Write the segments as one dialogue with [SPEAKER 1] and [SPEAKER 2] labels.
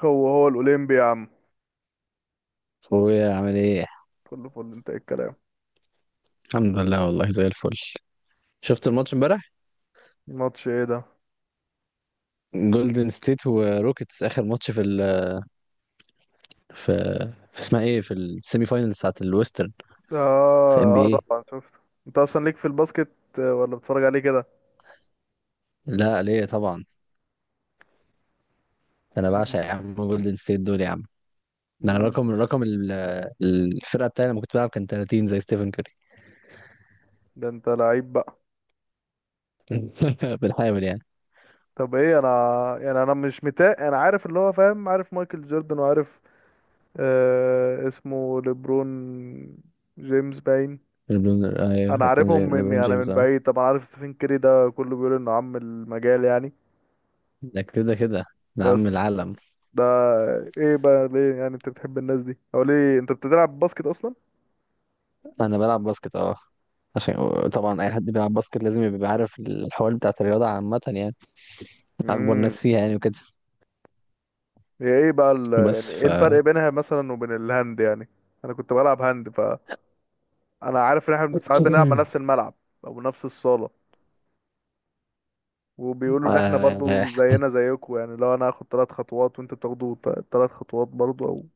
[SPEAKER 1] هو هو الأولمبي يا عم.
[SPEAKER 2] اخويا عامل ايه؟
[SPEAKER 1] فل فل، انت ايه الكلام؟
[SPEAKER 2] الحمد لله، والله زي الفل. شفت الماتش امبارح؟
[SPEAKER 1] ماتش ايه ده؟
[SPEAKER 2] جولدن ستيت وروكيتس، اخر ماتش في في, اسمها ايه، في السيمي فاينلز بتاعت الويسترن، في ام
[SPEAKER 1] اه
[SPEAKER 2] بي
[SPEAKER 1] اه،
[SPEAKER 2] اي.
[SPEAKER 1] طبعا شفت. انت اصلا ليك في الباسكت، آه، ولا بتتفرج عليه كده؟
[SPEAKER 2] لا، ليه طبعا، ده انا
[SPEAKER 1] مم.
[SPEAKER 2] بعشق يا عم جولدن ستيت دول يا عم. ده انا
[SPEAKER 1] مم.
[SPEAKER 2] رقم رقم ال- الفرقه بتاعي لما كنت بلعب كان 30 زي ستيفن كوري.
[SPEAKER 1] ده انت لعيب بقى.
[SPEAKER 2] بالحامل يعني.
[SPEAKER 1] طب ايه انا؟ يعني انا مش متاق، انا عارف اللي هو فاهم، عارف مايكل جوردن وعارف، آه اسمه ليبرون جيمس باين.
[SPEAKER 2] ليبرون ايوه،
[SPEAKER 1] انا
[SPEAKER 2] ليبرون
[SPEAKER 1] عارفهم
[SPEAKER 2] جيمس
[SPEAKER 1] من،
[SPEAKER 2] ليبرون
[SPEAKER 1] يعني
[SPEAKER 2] جيمس
[SPEAKER 1] من
[SPEAKER 2] اه،
[SPEAKER 1] بعيد طبعا، عارف ستيفن كيري، ده كله بيقول انه عم المجال يعني.
[SPEAKER 2] ده كده كده، ده عم
[SPEAKER 1] بس
[SPEAKER 2] العالم.
[SPEAKER 1] ده، ايه بقى ليه يعني انت بتحب الناس دي او ليه انت بتلعب باسكت اصلا؟
[SPEAKER 2] انا بلعب باسكت اه، عشان طبعا اي حد بيلعب باسكت لازم يبقى عارف الحوار بتاعت الرياضه عامه يعني، اكبر
[SPEAKER 1] امم.
[SPEAKER 2] ناس فيها يعني وكده.
[SPEAKER 1] هي ايه بقى يعني
[SPEAKER 2] بس
[SPEAKER 1] ايه
[SPEAKER 2] ف
[SPEAKER 1] الفرق بينها مثلا وبين الهاند يعني؟ انا كنت بلعب هاند، فانا عارف ان احنا ساعات بنلعب مع نفس الملعب او نفس الصالة، وبيقولوا ان احنا
[SPEAKER 2] آه...
[SPEAKER 1] برضو زينا زيكم. يعني لو انا هاخد ثلاث خطوات وانت بتاخدوا ثلاث خطوات برضو، او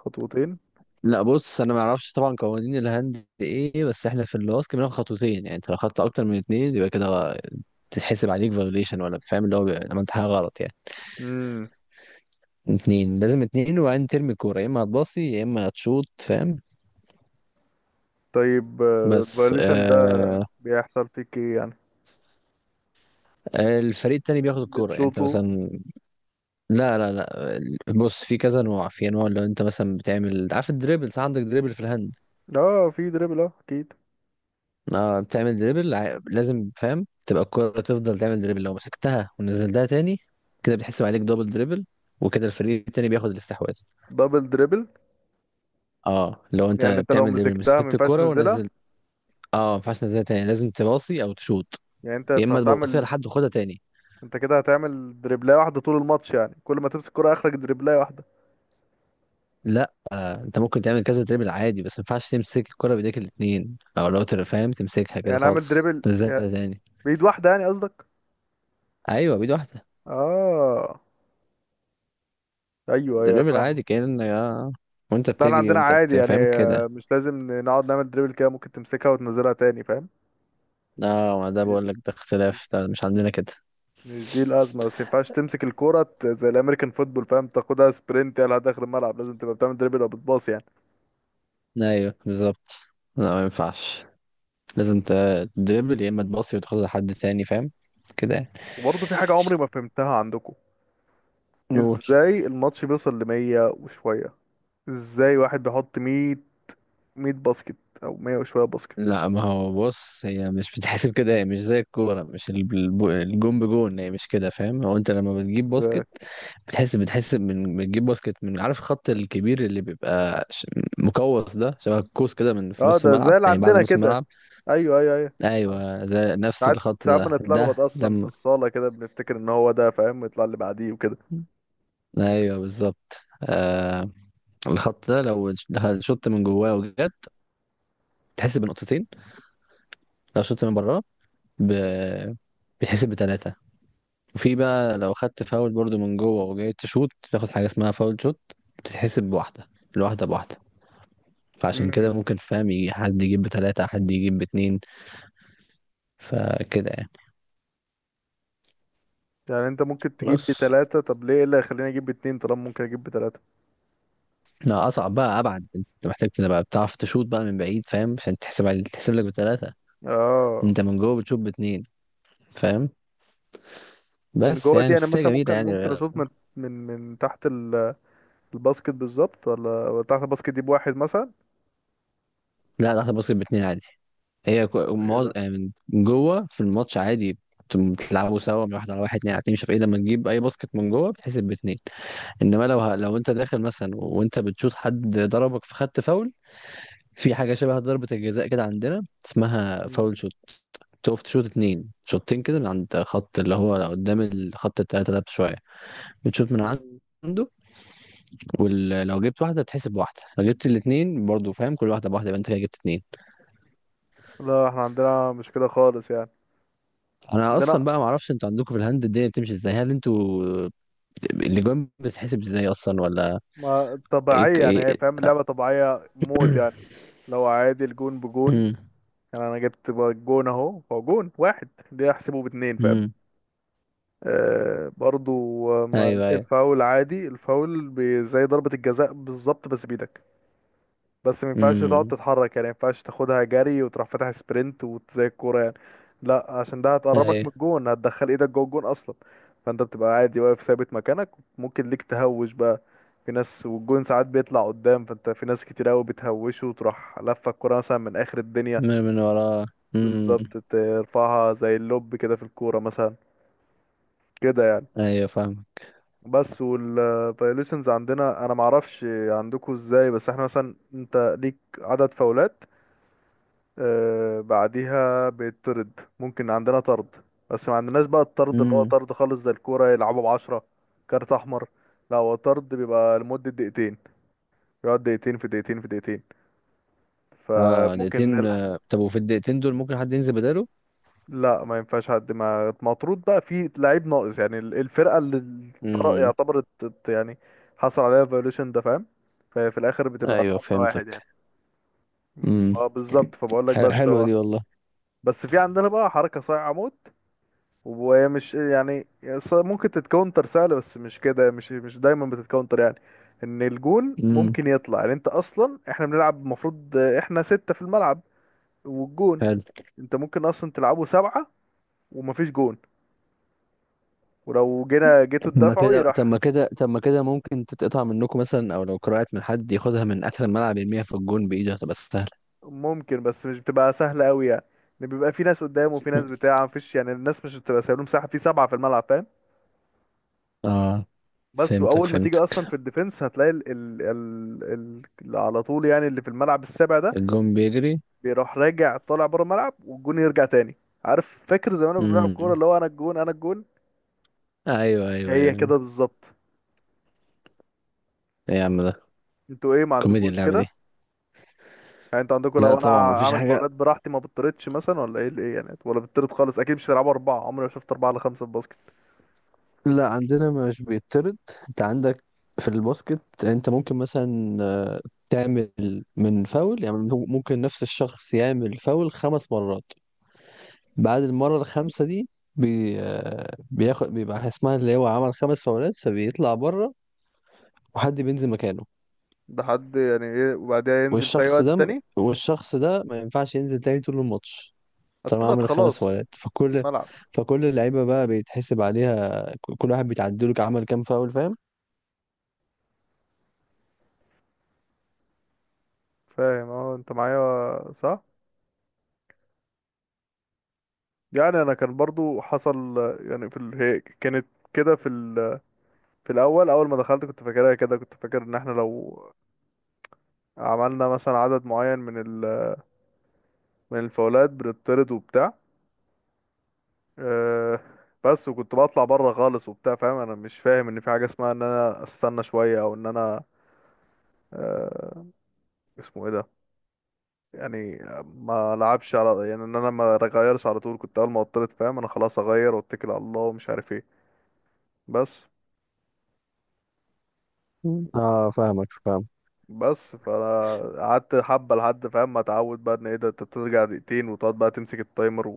[SPEAKER 1] خطوتين.
[SPEAKER 2] لا بص، انا ما اعرفش طبعا قوانين الهاند ايه، بس احنا في الباسكت بناخد خطوتين، يعني انت لو خدت اكتر من اتنين يبقى كده تتحسب عليك فايوليشن، ولا فاهم اللي هو عملت حاجه غلط يعني.
[SPEAKER 1] امم.
[SPEAKER 2] اتنين، لازم اتنين، وبعدين ترمي الكوره، يا اما هتباصي يا اما هتشوط، فاهم؟
[SPEAKER 1] طيب
[SPEAKER 2] بس
[SPEAKER 1] الفايوليشن ده
[SPEAKER 2] آه.
[SPEAKER 1] بيحصل فيك ايه يعني؟
[SPEAKER 2] الفريق التاني بياخد الكوره، يعني انت
[SPEAKER 1] بتشوطه؟
[SPEAKER 2] مثلا. لا لا لا، بص، في كذا نوع، في انواع. لو انت مثلا بتعمل، عارف الدريبل؟ صح، عندك دريبل في الهاند.
[SPEAKER 1] اه في دريبل، اه اكيد.
[SPEAKER 2] آه، بتعمل دريبل لازم فاهم تبقى الكرة تفضل تعمل دريبل، لو مسكتها ونزلتها تاني، كده بتحسب عليك دبل دريبل، وكده الفريق التاني بياخد الاستحواذ.
[SPEAKER 1] دبل دريبل؟
[SPEAKER 2] اه، لو انت
[SPEAKER 1] يعني انت لو
[SPEAKER 2] بتعمل دريبل،
[SPEAKER 1] مسكتها ما
[SPEAKER 2] مسكت
[SPEAKER 1] ينفعش
[SPEAKER 2] الكرة
[SPEAKER 1] تنزلها؟
[SPEAKER 2] ونزلت. اه، ما ينفعش تنزلها تاني، لازم تباصي او تشوط،
[SPEAKER 1] يعني
[SPEAKER 2] يا اما تباصيها لحد وخدها تاني.
[SPEAKER 1] انت كده هتعمل دريبلاية واحدة طول الماتش؟ يعني كل ما تمسك كرة اخرج دريبلاية واحدة؟
[SPEAKER 2] لا، انت ممكن تعمل كذا دريبل عادي، بس ما ينفعش تمسك الكرة بايديك الاتنين، او لو فاهم، تمسكها كده
[SPEAKER 1] يعني اعمل
[SPEAKER 2] خالص
[SPEAKER 1] دريبل،
[SPEAKER 2] تنزلها تاني.
[SPEAKER 1] بإيد واحدة يعني قصدك؟
[SPEAKER 2] ايوه، بيد واحدة.
[SPEAKER 1] اه، ايوه ايوه
[SPEAKER 2] دريبل
[SPEAKER 1] فاهم.
[SPEAKER 2] عادي، كأن يا، وانت
[SPEAKER 1] بس احنا
[SPEAKER 2] بتجري
[SPEAKER 1] عندنا
[SPEAKER 2] وانت
[SPEAKER 1] عادي يعني،
[SPEAKER 2] بتفهم
[SPEAKER 1] آه،
[SPEAKER 2] كده.
[SPEAKER 1] مش لازم نقعد نعمل دريبل كده، ممكن تمسكها وتنزلها تاني فاهم.
[SPEAKER 2] اه، ما ده بقول لك، ده اختلاف، ده مش عندنا كده.
[SPEAKER 1] مش دي الأزمة، بس ما ينفعش تمسك الكورة زي الأمريكان فوتبول فاهم، تاخدها سبرنت يلا داخل الملعب، لازم تبقى بتعمل دريبل أو بتباص يعني.
[SPEAKER 2] ايوه بالظبط. لا ما ينفعش، لازم تدريبل، يا اما تباصي وتاخد لحد تاني، فاهم؟ كده يعني.
[SPEAKER 1] وبرضه في حاجة عمري ما فهمتها عندكم.
[SPEAKER 2] نقول،
[SPEAKER 1] إزاي الماتش بيوصل لمية وشوية؟ ازاي واحد بيحط 100، 100 باسكت او 100 وشويه باسكت؟
[SPEAKER 2] لا، ما هو بص، هي مش بتحسب كده، هي مش زي الكوره، مش الب- الب- الجون بجون، هي مش كده، فاهم؟ هو انت لما بتجيب
[SPEAKER 1] ازاي؟
[SPEAKER 2] باسكت، بتحس من بتجيب باسكت، من عارف الخط الكبير، اللي بيبقى مقوس، ده شبه القوس كده، من في
[SPEAKER 1] اه
[SPEAKER 2] نص
[SPEAKER 1] ده زي
[SPEAKER 2] الملعب،
[SPEAKER 1] اللي
[SPEAKER 2] يعني بعد
[SPEAKER 1] عندنا
[SPEAKER 2] نص
[SPEAKER 1] كده،
[SPEAKER 2] الملعب.
[SPEAKER 1] ايوه ايوه ايوه. آه.
[SPEAKER 2] ايوه زي نفس
[SPEAKER 1] ساعات
[SPEAKER 2] الخط
[SPEAKER 1] ساعات
[SPEAKER 2] ده، ده
[SPEAKER 1] بنتلخبط اصلا في
[SPEAKER 2] لما،
[SPEAKER 1] الصاله كده، بنفتكر ان هو ده فاهم يطلع اللي بعديه وكده.
[SPEAKER 2] ايوه بالظبط. آه، الخط ده لو شط من جواه وجت، تحسب بنقطتين. لو شط من براه، ب... بيتحسب بتلاتة. وفي بقى، لو خدت فاول برضو من جوه وجاي تشوت، تاخد حاجة اسمها فاول شوت، بتتحسب بواحدة، الواحدة بواحدة. فعشان
[SPEAKER 1] امم.
[SPEAKER 2] كده ممكن، فاهم، يجي حد يجيب بتلاتة، حد يجيب باتنين، فكده يعني.
[SPEAKER 1] يعني انت ممكن تجيب
[SPEAKER 2] بس
[SPEAKER 1] بتلاته، طب ليه، إيه اللي هيخليني اجيب باتنين طالما ممكن اجيب بتلاته؟
[SPEAKER 2] لا، أصعب بقى، أبعد، أنت محتاج تبقى بتعرف تشوت بقى من بعيد، فاهم، عشان تحسب، تحسب لك بتلاتة.
[SPEAKER 1] اه.
[SPEAKER 2] انت من جوه بتشوف باتنين، فاهم؟
[SPEAKER 1] من
[SPEAKER 2] بس
[SPEAKER 1] جوه
[SPEAKER 2] يعني،
[SPEAKER 1] دي انا
[SPEAKER 2] بس هي
[SPEAKER 1] مثلا
[SPEAKER 2] جميله
[SPEAKER 1] ممكن
[SPEAKER 2] يعني.
[SPEAKER 1] ممكن اشوط من تحت الباسكت بالظبط، ولا تحت الباسكت دي بواحد مثلا؟
[SPEAKER 2] لا لحظه، باسكت باتنين عادي. هي
[SPEAKER 1] ايه ده؟
[SPEAKER 2] يعني من جوه في الماتش عادي بتلعبوا سوا، من واحد على واحد، اتنين على اتنين، مش عارف ايه، لما تجيب اي باسكت من جوه بتحسب باتنين. انما لو لو انت داخل مثلا وانت بتشوط، حد ضربك فخدت فاول، في حاجه شبه ضربه الجزاء كده عندنا، اسمها
[SPEAKER 1] مم.
[SPEAKER 2] فاول شوت، تقف تشوط اتنين، شوطين كده من عند خط اللي هو قدام الخط التلاته ده بشويه، بتشوط من
[SPEAKER 1] مم.
[SPEAKER 2] عنده. ولو جبت واحده بتحسب بواحده، لو جبت الاثنين برضو، فاهم، كل واحده بواحده، يبقى انت كده جبت اثنين.
[SPEAKER 1] لا احنا عندنا مش كده خالص يعني.
[SPEAKER 2] انا
[SPEAKER 1] عندنا
[SPEAKER 2] اصلا بقى ما اعرفش انتوا عندكم في الهند الدنيا بتمشي ازاي، هل انتوا الاجوان بتتحسب ازاي اصلا ولا؟
[SPEAKER 1] ما
[SPEAKER 2] ايه
[SPEAKER 1] طبيعية يعني، هي
[SPEAKER 2] ايه.
[SPEAKER 1] فاهم اللعبة طبيعية موت يعني. لو عادي الجون بجون،
[SPEAKER 2] مم.
[SPEAKER 1] يعني أنا جبت بقى جون أهو، هو جون واحد دي أحسبه باتنين فاهم؟
[SPEAKER 2] مم.
[SPEAKER 1] آه برضو. آه، ما
[SPEAKER 2] ايوه ايوه.
[SPEAKER 1] الفاول عادي، زي ضربة الجزاء بالظبط، بس بإيدك. بس ما ينفعش تقعد
[SPEAKER 2] مم.
[SPEAKER 1] تتحرك يعني، ما ينفعش تاخدها جري وتروح فاتح سبرنت وزي الكوره يعني. لا عشان ده هتقربك من
[SPEAKER 2] ايوه.
[SPEAKER 1] الجون، هتدخل ايدك جوه الجون اصلا. فانت بتبقى عادي واقف ثابت مكانك. ممكن ليك تهوش بقى، في ناس والجون ساعات بيطلع قدام، فانت في ناس كتير قوي بتهوشه وتروح لفه الكوره مثلا من اخر الدنيا.
[SPEAKER 2] من من وراه.
[SPEAKER 1] بالظبط،
[SPEAKER 2] مم.
[SPEAKER 1] ترفعها زي اللوب كده في الكوره مثلا، كده يعني.
[SPEAKER 2] ايوه فاهم.
[SPEAKER 1] بس والفايوليشنز عندنا انا معرفش عندكم ازاي، بس احنا مثلا انت ليك عدد فاولات، آه، بعديها بيطرد، ممكن عندنا طرد، بس ما عندناش بقى الطرد اللي هو
[SPEAKER 2] مم.
[SPEAKER 1] طرد خالص زي الكورة يلعبوا بعشرة، كارت أحمر. لا هو طرد بيبقى لمدة دقيقتين. بيقعد دقيقتين في دقيقتين في دقيقتين،
[SPEAKER 2] اه
[SPEAKER 1] فممكن
[SPEAKER 2] دقيقتين.
[SPEAKER 1] نلعب.
[SPEAKER 2] آه، طب وفي الدقيقتين دول ممكن حد ينزل بداله؟
[SPEAKER 1] لا ما ينفعش حد ما مطرود بقى، في لعيب ناقص يعني الفرقة اللي
[SPEAKER 2] مم.
[SPEAKER 1] يعتبرت يعني حصل عليها فايوليشن ده، فاهم؟ ففي الآخر بتبقى
[SPEAKER 2] ايوه
[SPEAKER 1] نقطة واحد
[SPEAKER 2] فهمتك.
[SPEAKER 1] يعني.
[SPEAKER 2] مم.
[SPEAKER 1] اه بالظبط، فبقول لك.
[SPEAKER 2] حلوه دي والله.
[SPEAKER 1] بس في عندنا بقى حركة صايعة موت، وهي مش يعني، ممكن تتكونتر سهلة، بس مش كده، مش دايما بتتكونتر يعني. ان الجون
[SPEAKER 2] مم.
[SPEAKER 1] ممكن يطلع، يعني انت اصلا احنا بنلعب المفروض احنا ستة في الملعب والجون.
[SPEAKER 2] حلو.
[SPEAKER 1] انت ممكن اصلا تلعبه سبعة ومفيش جون، ولو جينا جيتوا
[SPEAKER 2] طب ما
[SPEAKER 1] تدافعوا
[SPEAKER 2] كده طب
[SPEAKER 1] يراح.
[SPEAKER 2] ما كده طب ما كده ممكن تتقطع منكم مثلا، او لو كرهت من حد ياخدها من اخر الملعب يرميها في الجون بايده، هتبقى سهله.
[SPEAKER 1] ممكن، بس مش بتبقى سهلة قوي يعني، ان بيبقى في ناس قدام وفي ناس بتاع مفيش، يعني الناس مش بتبقى سايبين مساحة في سبعة في الملعب فاهم.
[SPEAKER 2] اه
[SPEAKER 1] بس
[SPEAKER 2] فهمتك
[SPEAKER 1] واول ما تيجي اصلا
[SPEAKER 2] فهمتك.
[SPEAKER 1] في الديفense هتلاقي ال على طول يعني، اللي في الملعب السابع ده
[SPEAKER 2] الجون بيجري.
[SPEAKER 1] بيروح راجع طالع بره الملعب والجون يرجع تاني. عارف فاكر زمان كنا بنلعب كوره
[SPEAKER 2] امم.
[SPEAKER 1] اللي هو انا الجون انا الجون،
[SPEAKER 2] ايوه ايوه
[SPEAKER 1] هي
[SPEAKER 2] ايوه.
[SPEAKER 1] كده بالظبط.
[SPEAKER 2] ايه يا عم ده،
[SPEAKER 1] انتوا ايه، ما
[SPEAKER 2] كوميديا
[SPEAKER 1] عندكوش
[SPEAKER 2] اللعبه دي.
[SPEAKER 1] كده؟ يعني انتوا عندكوا
[SPEAKER 2] لا
[SPEAKER 1] لو انا
[SPEAKER 2] طبعا ما فيش
[SPEAKER 1] اعمل
[SPEAKER 2] حاجه.
[SPEAKER 1] فاولات براحتي ما بطردش مثلا، ولا ايه الايه يعني، ولا بطرد خالص؟ اكيد مش هتلعبوا اربعه، عمري ما شفت اربعه على خمسه في باسكت.
[SPEAKER 2] لا، عندنا مش بيطرد. انت عندك، في الباسكت انت ممكن مثلا آه، تعمل من فاول، يعني ممكن نفس الشخص يعمل فاول خمس مرات، بعد المرة الخامسة دي آه، بيبقى اسمها اللي هو عمل خمس فاولات، فبيطلع بره وحد بينزل مكانه.
[SPEAKER 1] ده حد يعني ايه، وبعدها ينزل في اي
[SPEAKER 2] والشخص
[SPEAKER 1] وقت
[SPEAKER 2] ده
[SPEAKER 1] تاني،
[SPEAKER 2] والشخص ده ما ينفعش ينزل تاني طول الماتش طالما
[SPEAKER 1] اتطرد
[SPEAKER 2] عمل خمس
[SPEAKER 1] خلاص
[SPEAKER 2] فاولات،
[SPEAKER 1] من
[SPEAKER 2] فكل
[SPEAKER 1] الملعب؟
[SPEAKER 2] فكل اللعيبة بقى بيتحسب عليها كل واحد بيتعدله عمل كام فاول، فاهم؟
[SPEAKER 1] فاهم، اه انت معايا صح. يعني انا كان برضو حصل يعني في هي كانت كده في في الاول، اول ما دخلت كنت فاكرها كده، كنت فاكر ان احنا لو عملنا مثلا عدد معين من من الفاولات بنطرد وبتاع. أه بس وكنت بطلع بره خالص وبتاع فاهم، انا مش فاهم ان في حاجه اسمها ان انا استنى شويه او ان انا، أه اسمه ايه ده يعني، ما لعبش على، يعني ان انا ما اغيرش على طول، كنت اول ما اطرد فاهم انا خلاص اغير واتكل على الله ومش عارف ايه، بس.
[SPEAKER 2] مم. اه فاهمك فاهم.
[SPEAKER 1] بس فانا قعدت حبه لحد فاهم ما اتعود بقى، ان ايه ده، انت ترجع دقيقتين وتقعد بقى تمسك التايمر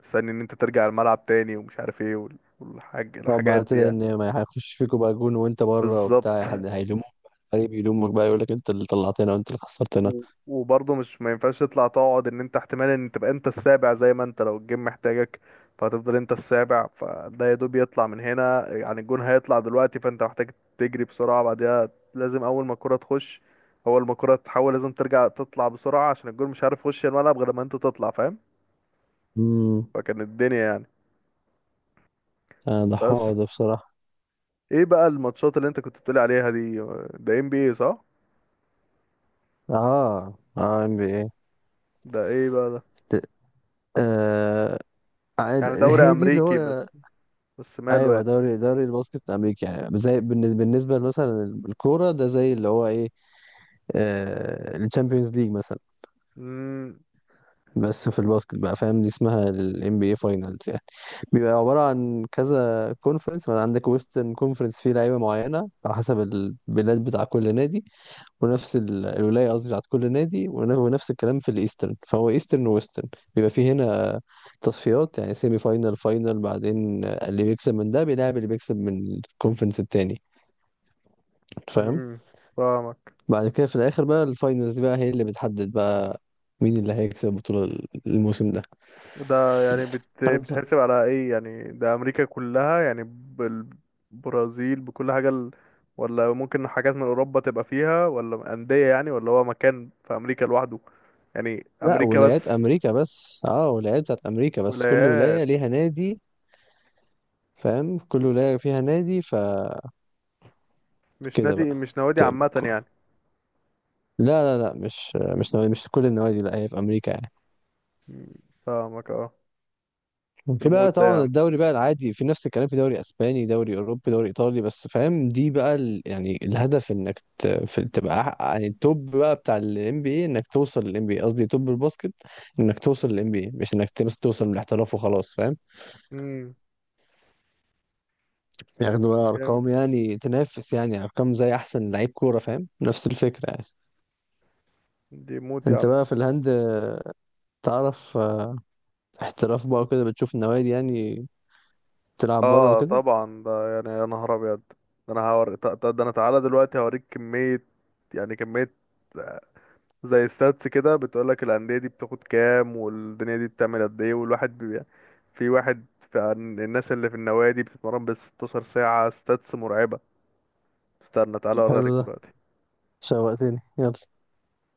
[SPEAKER 1] وتستني ان انت ترجع الملعب تاني، ومش عارف ايه وال- والحاج
[SPEAKER 2] طب بقى
[SPEAKER 1] الحاجات دي
[SPEAKER 2] ابتدى،
[SPEAKER 1] يعني.
[SPEAKER 2] ان ما هيخش فيكوا بقى جون وانت بره
[SPEAKER 1] بالظبط.
[SPEAKER 2] وبتاع، حد هيلومك؟ الفريق بيلومك بقى، يقول لك انت اللي طلعتنا وانت اللي خسرتنا.
[SPEAKER 1] و- وبرضه مش، ما ينفعش تطلع تقعد، ان انت احتمال ان تبقى انت السابع، زي ما انت لو الجيم محتاجك، فهتفضل انت السابع، فده يا دوب يطلع من هنا يعني، الجون هيطلع دلوقتي فانت محتاج تجري بسرعة بعدها. لازم اول ما الكرة تخش، اول ما الكرة تحول لازم ترجع تطلع بسرعة عشان الجون مش عارف يخش الملعب غير لما انت تطلع فاهم.
[SPEAKER 2] امم.
[SPEAKER 1] فكان الدنيا يعني.
[SPEAKER 2] آه ده
[SPEAKER 1] بس
[SPEAKER 2] حوار ده بصراحة.
[SPEAKER 1] ايه بقى الماتشات اللي انت كنت بتقولي عليها دي؟ ده ام بي اي صح؟
[SPEAKER 2] اه اه، ام بي اي.
[SPEAKER 1] ده ايه بقى ده؟
[SPEAKER 2] آه.
[SPEAKER 1] يعني دوري
[SPEAKER 2] هي دي اللي
[SPEAKER 1] امريكي
[SPEAKER 2] هو.
[SPEAKER 1] بس، بس ماله
[SPEAKER 2] ايوه،
[SPEAKER 1] يعني؟
[SPEAKER 2] دوري دوري الباسكت الامريكي، يعني زي بالنسبه بالنسبه مثلا الكوره، ده زي اللي هو ايه، آه الشامبيونز ليج مثلا،
[SPEAKER 1] مم،
[SPEAKER 2] بس في الباسكت بقى، فاهم، دي اسمها الام بي اي فاينلز يعني. بيبقى عباره عن كذا كونفرنس، عندك ويسترن كونفرنس فيه لعيبه معينه على حسب البلاد بتاع كل نادي، ونفس الولايه قصدي بتاعت كل نادي، ونفس الكلام في الايسترن، فهو ايسترن وويسترن. بيبقى فيه هنا تصفيات، يعني سيمي فاينال، فاينال، بعدين اللي بيكسب من ده بيلعب اللي بيكسب من الكونفرنس التاني، فاهم؟
[SPEAKER 1] امم، فاهمك.
[SPEAKER 2] بعد كده في الاخر بقى الفاينلز بقى، هي اللي بتحدد بقى مين اللي هيكسب البطوله، الموسم ده.
[SPEAKER 1] ده يعني بت...
[SPEAKER 2] أنا ت-
[SPEAKER 1] بتحسب على ايه يعني؟ ده امريكا كلها يعني بالبرازيل بكل حاجة ولا ممكن حاجات من اوروبا تبقى فيها ولا اندية يعني، ولا هو مكان في امريكا لوحده يعني،
[SPEAKER 2] لا،
[SPEAKER 1] امريكا
[SPEAKER 2] ولايات
[SPEAKER 1] بس؟
[SPEAKER 2] امريكا بس، اه ولايات بتاعت امريكا بس، كل
[SPEAKER 1] ولايات،
[SPEAKER 2] ولايه ليها نادي، فاهم، كل ولايه فيها نادي فكده
[SPEAKER 1] مش نادي،
[SPEAKER 2] بقى.
[SPEAKER 1] مش نوادي
[SPEAKER 2] طيب.
[SPEAKER 1] عامة يعني؟
[SPEAKER 2] لا لا لا، مش مش نوادي، مش كل النوادي، لا هي في امريكا يعني.
[SPEAKER 1] مم، فاهمك اه. ده
[SPEAKER 2] في
[SPEAKER 1] موت
[SPEAKER 2] بقى
[SPEAKER 1] ده يا
[SPEAKER 2] طبعا
[SPEAKER 1] عم.
[SPEAKER 2] الدوري بقى العادي، في نفس الكلام في دوري اسباني، دوري اوروبي، دوري ايطالي، بس فاهم، دي بقى يعني الهدف، انك تبقى يعني التوب بقى بتاع الام بي اي، انك توصل للام بي اي، قصدي توب الباسكت، انك توصل للام بي اي، مش انك تبس توصل للاحتراف وخلاص، فاهم؟
[SPEAKER 1] امم.
[SPEAKER 2] بياخدوا بقى
[SPEAKER 1] جامد.
[SPEAKER 2] ارقام، يعني تنافس، يعني ارقام زي احسن لعيب كوره، فاهم، نفس الفكره يعني.
[SPEAKER 1] دي موت يا
[SPEAKER 2] انت
[SPEAKER 1] عم.
[SPEAKER 2] بقى في الهند تعرف آه، احتراف بقى وكده، بتشوف النوادي يعني، تلعب بره
[SPEAKER 1] اه
[SPEAKER 2] وكده.
[SPEAKER 1] طبعا، ده يعني يا نهار ابيض. ده انا هوري ده، ده انا تعالى دلوقتي هوريك كمية، يعني كمية، زي ستاتس كده بتقولك الأندية دي بتاخد كام والدنيا دي بتعمل قد ايه، والواحد في واحد، في الناس اللي في النوادي بتتمرن بال 16 ساعة، ستاتس مرعبة. استنى تعالى اوريها
[SPEAKER 2] حلو
[SPEAKER 1] لك
[SPEAKER 2] ده،
[SPEAKER 1] دلوقتي.
[SPEAKER 2] شوقتني، يلا.